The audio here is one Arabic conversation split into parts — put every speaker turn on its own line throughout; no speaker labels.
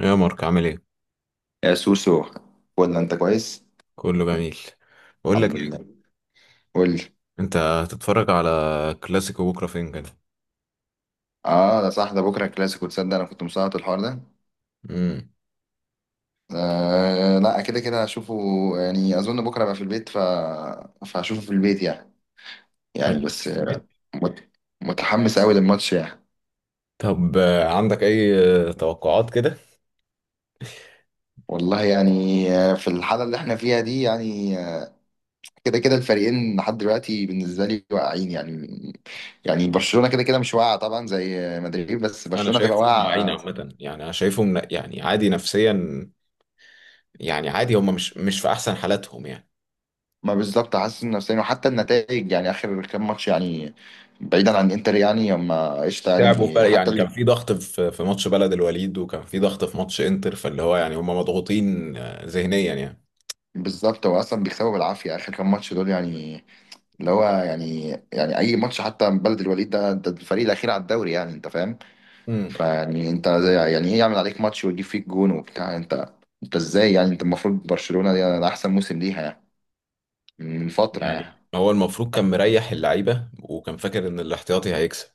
يا مارك عامل ايه؟
يا سوسو، ولا انت كويس؟
كله جميل. بقول لك
الحمد لله.
ايه،
قول لي.
انت هتتفرج على كلاسيكو بكره فين كده؟
اه، ده صح، ده بكره كلاسيكو، تصدق انا كنت مسقط الحوار ده.
امم.
آه، لا، كده كده هشوفه. يعني اظن بكره ابقى في البيت، ف فهشوفه في البيت يعني بس مت... متحمس قوي للماتش يعني.
طب عندك اي توقعات كده؟
والله يعني، في الحاله اللي احنا فيها دي يعني، كده كده الفريقين لحد دلوقتي بالنسبه لي واقعين يعني. برشلونه كده كده مش واقعه طبعا زي مدريد، بس
انا
برشلونه تبقى
شايفهم واعيين
واقعه.
عامه، يعني انا شايفهم يعني عادي نفسيا، يعني عادي، هم مش في احسن حالاتهم يعني.
ما بالظبط، حاسس نفسيا وحتى النتائج يعني، اخر كام ماتش يعني، بعيدا عن انتر يعني، اما قشطه
تعبوا
يعني حتى
يعني كان
اللي.
في ضغط، في ماتش بلد الوليد، وكان في ضغط في ماتش انتر، فاللي هو يعني هم مضغوطين ذهنيا يعني.
بالظبط، هو اصلا بيكسبوا بالعافيه اخر كام ماتش دول يعني، اللي هو يعني، اي ماتش حتى من بلد الوليد ده الفريق الاخير على الدوري يعني، انت فاهم.
امم.
فيعني انت زي يعني ايه، يعمل عليك ماتش ويجيب فيك جون وبتاع انت، ازاي يعني؟ انت المفروض برشلونه دي ده احسن موسم ليها يعني، من فتره
يعني
يعني.
هو المفروض كان مريح اللعيبه، وكان فاكر ان الاحتياطي هيكسب،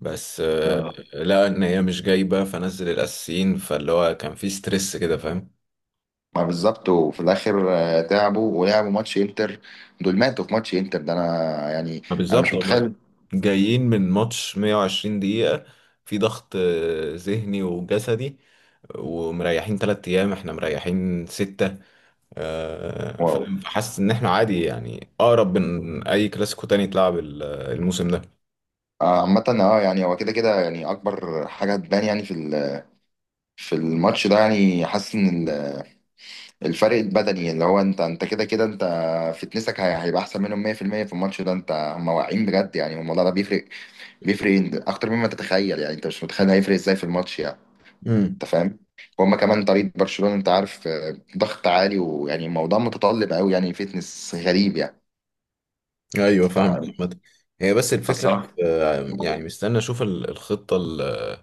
بس لقى ان هي مش جايبه، فنزل الاساسيين، فاللي هو كان في ستريس كده، فاهم.
ما بالظبط، وفي الاخر تعبوا ولعبوا ماتش انتر. دول ماتوا في ماتش انتر ده، انا يعني
ما بالظبط،
مش
هما
متخيل.
جايين من ماتش 120 دقيقه، في ضغط ذهني وجسدي، ومريحين تلات ايام، احنا مريحين ستة،
واو.
فاهم. فحاسس ان احنا عادي، يعني اقرب من اي كلاسيكو تاني اتلعب الموسم ده.
عامة اه يعني، هو كده كده يعني اكبر حاجة تبان يعني في في الماتش ده يعني. حاسس ان الفرق البدني اللي هو انت كده كده انت فتنسك هيبقى احسن منهم 100% في المية في الماتش ده. انت هم واعيين بجد، يعني الموضوع ده بيفرق، اكتر مما تتخيل يعني، انت مش متخيل هيفرق ازاي في الماتش يعني.
امم.
انت فاهم. وهم كمان طريقه برشلونه انت عارف، ضغط عالي، ويعني الموضوع متطلب قوي يعني، فيتنس غريب يعني.
ايوه فاهم
ف-
عامة. هي بس الفكره،
فالصراحه
يعني مستني اشوف الخطه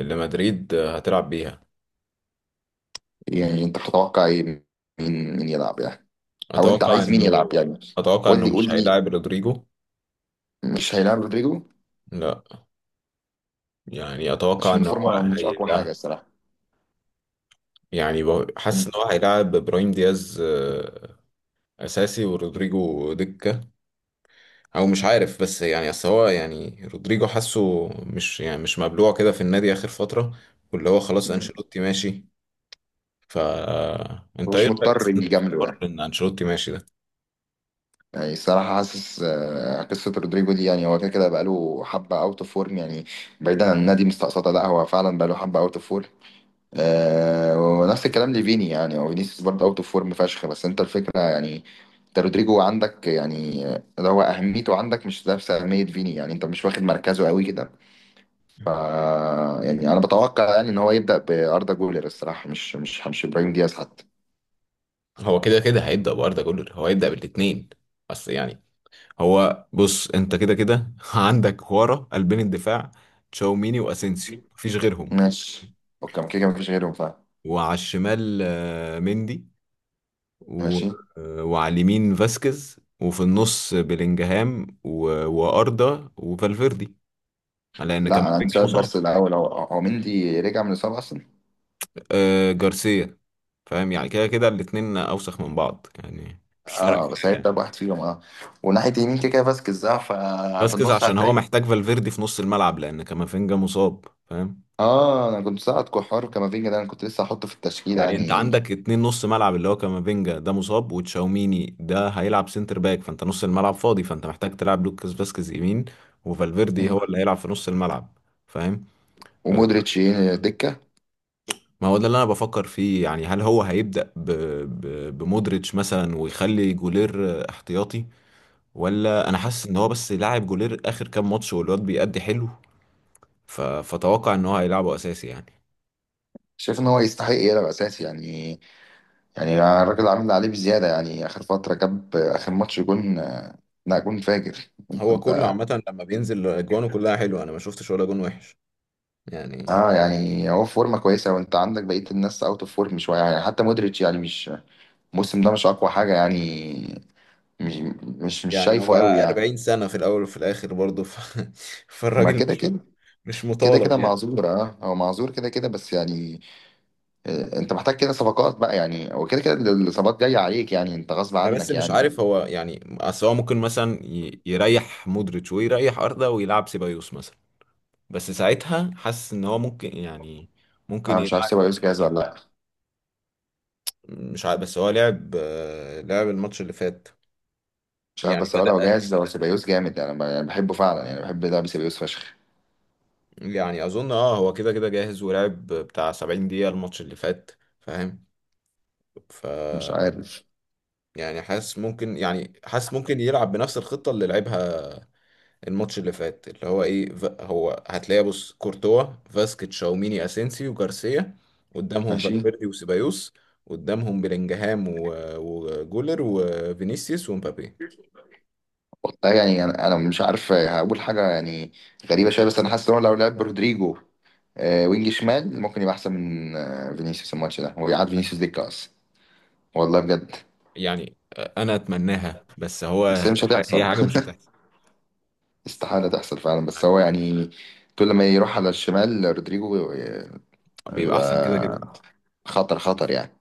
اللي مدريد هتلعب بيها.
يعني، انت بتتوقع ايه؟ مين يلعب يعني؟ او انت
اتوقع
عايز مين
انه
يلعب يعني؟
اتوقع
قول
انه
لي،
مش
قول لي.
هيلاعب رودريجو.
مش هيلعب رودريجو؟
لا، يعني اتوقع
عشان
ان هو
الفورمه مش اقوى حاجه
هيلا
الصراحه،
يعني حاسس ان هو هيلاعب ابراهيم دياز اساسي، ورودريجو دكه. او مش عارف، بس يعني اصل هو يعني رودريجو حاسه مش يعني مش مبلوع كده في النادي اخر فتره، واللي هو خلاص انشيلوتي ماشي. ف انت ايه
مش
رايك
مضطر
اصلا في
يجامله
حوار
يعني.
ان انشيلوتي ماشي ده؟
يعني الصراحة، حاسس قصة رودريجو دي، يعني هو كده كده بقاله حبة اوت اوف فورم يعني. بعيدا عن النادي مستقصدة، لا هو فعلا بقاله حبة اوت اوف فورم. آه، ونفس الكلام لفيني يعني، هو فينيسيوس برضه اوت اوف فورم فشخ. بس انت الفكره يعني، انت رودريجو عندك يعني، اللي هو اهميته عندك مش نفس اهميه فيني يعني، انت مش واخد مركزه قوي كده. ف، يعني انا بتوقع يعني ان هو يبدا باردا جولر الصراحه، مش ابراهيم دياز حتى.
هو كده كده هيبدا باردا جولر، هو هيبدا بالاثنين. بس يعني هو بص، انت كده كده عندك ورا قلبين الدفاع، تشاوميني واسينسيو، مفيش غيرهم.
ماشي. اوكي، ما كده كده مفيش غيرهم فعلا.
وعلى الشمال مندي و...
ماشي.
وعلى اليمين فاسكيز، وفي النص بلينجهام و... واردا وفالفيردي، لان
لا، انا عندي
كامافينجا
سؤال
مصاب.
بس الاول، هو مندي رجع من الاصابه اصلا؟
جارسيا. فاهم، يعني كده كده الاتنين اوسخ من بعض يعني، مش فارق
اه،
في
بس
حاجه
هيبدا
يعني.
بواحد فيهم اه. وناحيه يمين كده كده فاسكيز، اه ففي
فاسكيز
النص
عشان هو
هتلاقي.
محتاج فالفيردي في نص الملعب، لان كامافينجا مصاب، فاهم.
اه، انا كنت ساعد كوحار وكامافينجا ده، انا كنت لسه هحطه في التشكيله
يعني انت
يعني.
عندك اتنين نص ملعب، اللي هو كامافينجا ده مصاب، وتشاوميني ده هيلعب سنتر باك، فانت نص الملعب فاضي، فانت محتاج تلعب لوكاس فاسكيز يمين، وفالفيردي
مم.
هو اللي هيلعب في نص الملعب، فاهم. اه،
ومودريتش دكه؟
ما هو ده اللي انا بفكر فيه، يعني هل هو هيبدأ بمودريتش مثلا، ويخلي جولير احتياطي، ولا انا حاسس ان هو بس لاعب جولير اخر كام ماتش، والواد بيأدي حلو، فتوقع ان هو هيلعبه اساسي يعني.
شايف ان هو يستحق يلعب اساسي يعني؟ الراجل عامل اللي عليه بزياده يعني، اخر فتره جاب اخر ماتش جون لا جون فاجر. انت
هو كله
انت
عامة لما بينزل اجوانه كلها حلوة، انا ما شفتش ولا جون وحش يعني.
اه يعني هو في فورمه كويسه، وانت عندك بقيه الناس اوت اوف فورم شويه يعني. حتى مودريتش يعني مش، الموسم ده مش اقوى حاجه يعني، مش مش
يعني هو
شايفه قوي يعني.
40 سنة في الأول وفي الآخر برضه
ما
فالراجل
كده
مش
كده،
مش
كده
مطالب
كده
يعني.
معذور، اه هو معذور كده كده بس يعني. انت محتاج كده صفقات بقى يعني، وكده كده الاصابات جايه عليك يعني، انت غصب
أنا بس
عنك
مش
يعني.
عارف هو يعني، أصل هو ممكن مثلا يريح مودريتش ويريح أردا ويلعب سيبايوس مثلا، بس ساعتها حاسس إن هو ممكن يعني، ممكن
انا مش عارف
يلعب.
سيبايوس جاهز ولا لا.
مش عارف، بس هو لعب لعب الماتش اللي فات.
مش عارف
يعني
بس، هو لو
بدأ،
جاهز هو سيبايوس جامد يعني. انا يعني بحبه فعلا يعني، بحب لعب سيبايوس فشخ.
يعني أظن هو كده كده جاهز، ولعب بتاع 70 دقيقة الماتش اللي فات، فاهم. ف
مش عارف.
يعني حاسس ممكن، يعني حاسس ممكن يلعب بنفس الخطة اللي لعبها الماتش اللي فات، اللي هو ايه، هو هتلاقي بص كورتوا، فاسكيت شاوميني اسينسي وجارسيا، قدامهم
ماشي.
فالفيردي وسيبايوس، قدامهم بلينجهام وجولر وفينيسيوس ومبابي.
والله يعني، انا مش عارف هقول حاجه يعني. غريبه شويه بس، انا حاسس ان هو لو لعب برودريجو وينج شمال، ممكن يبقى احسن من فينيسيوس الماتش ده، ويقعد فينيسيوس دكه اصلا. والله بجد.
يعني انا اتمناها، بس
بس
هو
هي مش
هي
هتحصل.
حاجه مش هتحصل.
استحاله تحصل فعلا. بس هو
يعني
يعني، كل ما يروح على الشمال رودريجو،
بيبقى احسن كده كده،
بيبقى خطر خطر يعني.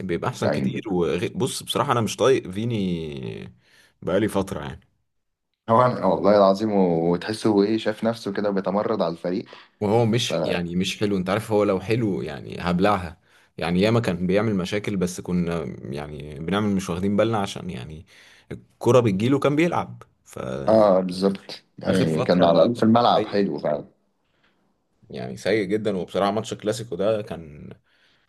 بيبقى احسن
يعني
كتير. وبص بصراحه، انا مش طايق فيني بقالي فتره يعني.
هو، والله العظيم، وتحسه هو ايه، شاف نفسه كده بيتمرد على الفريق.
وهو
ف.
مش يعني مش حلو، انت عارف، هو لو حلو يعني هبلعها، يعني ياما كان بيعمل مشاكل بس كنا، يعني بنعمل مش واخدين بالنا، عشان يعني الكرة بتجيله كان بيلعب فآخر
اه بالظبط يعني، كان على
فترة.
الاقل في الملعب
سيء،
حلو فعلا.
يعني سيء جدا. وبصراحة ماتش الكلاسيكو ده كان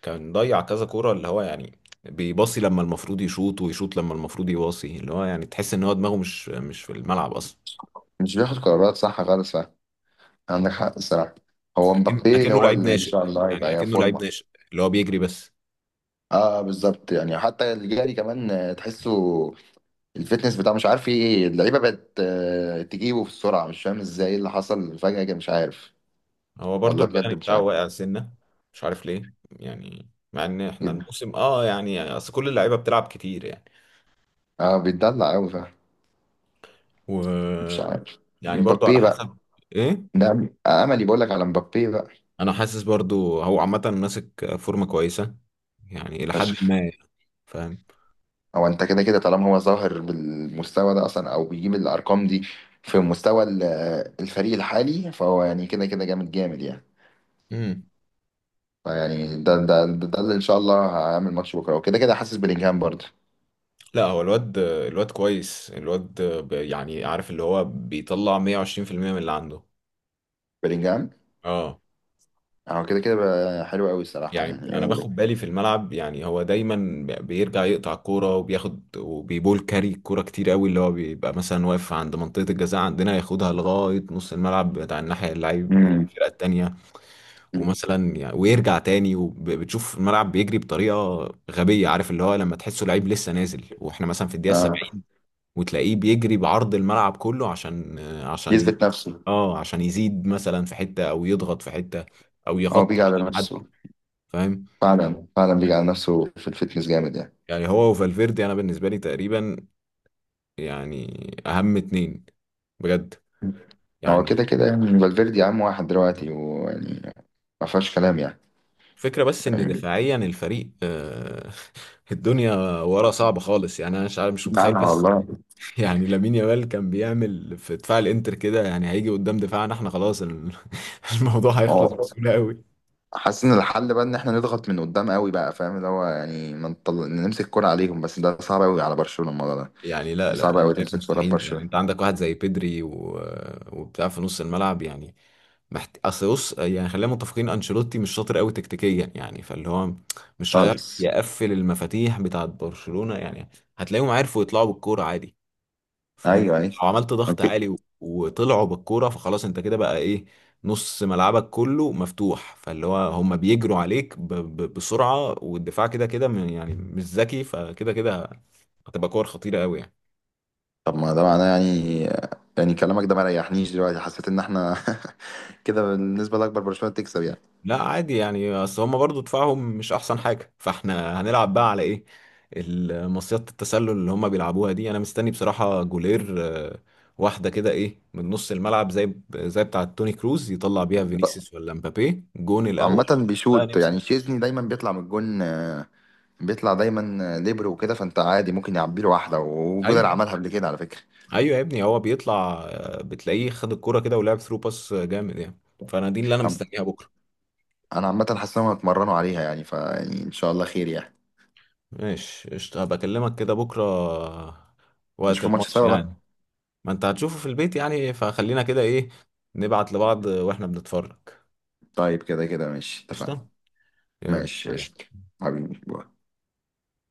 كان ضيع كذا كرة، اللي هو يعني بيباصي لما المفروض يشوط، ويشوط لما المفروض يباصي، اللي هو يعني تحس ان هو دماغه مش في الملعب اصلا.
مش بياخد قرارات صح خالص فعلا، عندك حق الصراحه. هو مبابي
أكنه
هو
لعيب
اللي ان
ناشئ،
شاء الله هيبقى
يعني
يا
أكنه لعيب
فورمه.
ناشئ اللي هو بيجري بس.
اه بالظبط، يعني حتى الجاري كمان تحسه الفتنس بتاعه مش عارف ايه، اللعيبه بقت تجيبه في السرعه، مش فاهم ازاي اللي حصل فجاه كده. مش عارف.
هو برضو
والله بجد
البدني
مش
بتاعه
عارف.
واقع سنة، مش عارف ليه يعني، مع ان احنا
يد-
الموسم يعني اصل كل اللعيبة بتلعب كتير يعني.
اه بيتدلع قوي. مش
و
عارف.
يعني برضو على
مبابي بقى،
حسب ايه.
ده املي، بقول لك على مبابي بقى
انا حاسس برضو هو عامة ماسك فورمة كويسة، يعني الى حد
فشخ.
ما يعني، فاهم.
هو انت كده كده طالما هو ظاهر بالمستوى ده اصلا، او بيجيب الارقام دي في مستوى الفريق الحالي، فهو يعني كده كده جامد جامد يعني.
امم.
فيعني ده اللي ان شاء الله هعمل ماتش بكره، وكده كده حاسس بلينجهام برضه.
لا هو الواد، الواد كويس، الواد يعني عارف اللي هو بيطلع 120% من اللي عنده.
بلينجهام
اه.
هو كده كده بقى حلو قوي الصراحه
يعني
يعني،
انا باخد بالي في الملعب، يعني هو دايما بيرجع يقطع الكوره وبياخد وبيبول كاري الكوره كتير قوي، اللي هو بيبقى مثلا واقف عند منطقه الجزاء عندنا، ياخدها لغايه نص الملعب بتاع الناحيه، اللعيب
مم.
الفرقه التانيه.
مم.
ومثلا يعني ويرجع تاني، وبتشوف الملعب بيجري بطريقه غبيه، عارف اللي هو لما تحسه لعيب لسه نازل واحنا مثلا في الدقيقه
آه.
70، وتلاقيه بيجري بعرض الملعب كله عشان
يثبت نفسه.
عشان يزيد مثلا في حته، او يضغط في حته، او
هو
يغطي
بيجي على
مكان حد،
نفسه.
فاهم.
فعلا فعلا بيجي
يعني
على نفسه في الفتنس جامد يعني.
يعني هو وفالفيردي انا بالنسبه لي تقريبا، يعني اهم اتنين بجد
هو كده
يعني.
كده يعني، فالفيردي عام واحد دلوقتي، ويعني ما فيهاش كلام يعني.
فكرة بس ان
يعني
دفاعيا الفريق الدنيا ورا صعبة خالص يعني، انا مش عارف، مش متخيل
نعم
بس
والله.
يعني لامين يامال كان بيعمل في دفاع الانتر كده، يعني هيجي قدام دفاعنا احنا خلاص الموضوع هيخلص
اه،
بسهولة قوي
حاسس ان الحل بقى ان احنا نضغط من قدام قوي بقى فاهم، اللي هو يعني ما نطل... نمسك كرة عليهم، بس ده صعب قوي على برشلونة الموضوع ده.
يعني. لا
يعني صعب
لا، انا
قوي
شايف
تمسك كرة
مستحيل يعني،
ببرشلونة
انت عندك واحد زي بيدري و... وبتاع في نص الملعب يعني، اصل بص، يعني خلينا متفقين انشيلوتي مش شاطر قوي تكتيكيا يعني، فاللي هو مش هيعرف
خالص.
يقفل المفاتيح بتاعت برشلونة يعني، هتلاقيهم عرفوا يطلعوا بالكورة عادي، فاهم.
ايوه، ايوه.
لو عملت ضغط عالي
اوكي.
و... وطلعوا بالكورة، فخلاص انت كده بقى ايه، نص ملعبك كله مفتوح، فاللي هو هم بيجروا عليك بسرعة، والدفاع كده كده يعني مش ذكي، فكده كده هتبقى كور خطيرة قوي يعني.
طب ما ده معناه يعني، كلامك ده ما ريحنيش، دلوقتي حسيت ان احنا كده بالنسبة لأكبر برشلونة تكسب يعني.
لا عادي يعني، اصل هما برضو دفاعهم مش احسن حاجه، فاحنا هنلعب بقى على ايه، المصيدة التسلل اللي هما بيلعبوها دي. انا مستني بصراحه جولير آه، واحده كده ايه من نص الملعب، زي بتاعه توني كروز، يطلع بيها فينيسيوس ولا مبابي جون الاول،
عامة
بقى
بيشوط يعني،
نمسك.
شيزني دايما بيطلع من الجون. بيطلع دايما ليبر وكده، فانت عادي ممكن يعبي له واحده، وجولر
ايوه،
عملها قبل كده على فكره.
ايوه يا ابني، هو بيطلع بتلاقيه خد الكرة كده، ولعب ثرو باس جامد يعني، فانا دي اللي انا
عم-
مستنيها بكره.
انا عامه حاسس انهم هيتمرنوا عليها يعني، فيعني ان شاء الله خير يعني.
ماشي قشطة، هبقى اكلمك كده بكره وقت
نشوف الماتش
الماتش
سوا بقى.
يعني. ما انت هتشوفه في البيت يعني، فخلينا كده ايه، نبعت لبعض واحنا بنتفرج.
طيب كده كده ماشي، اتفقنا.
قشطة، يلا
ماشي قشطة.
سلام.
حبيبي، باي.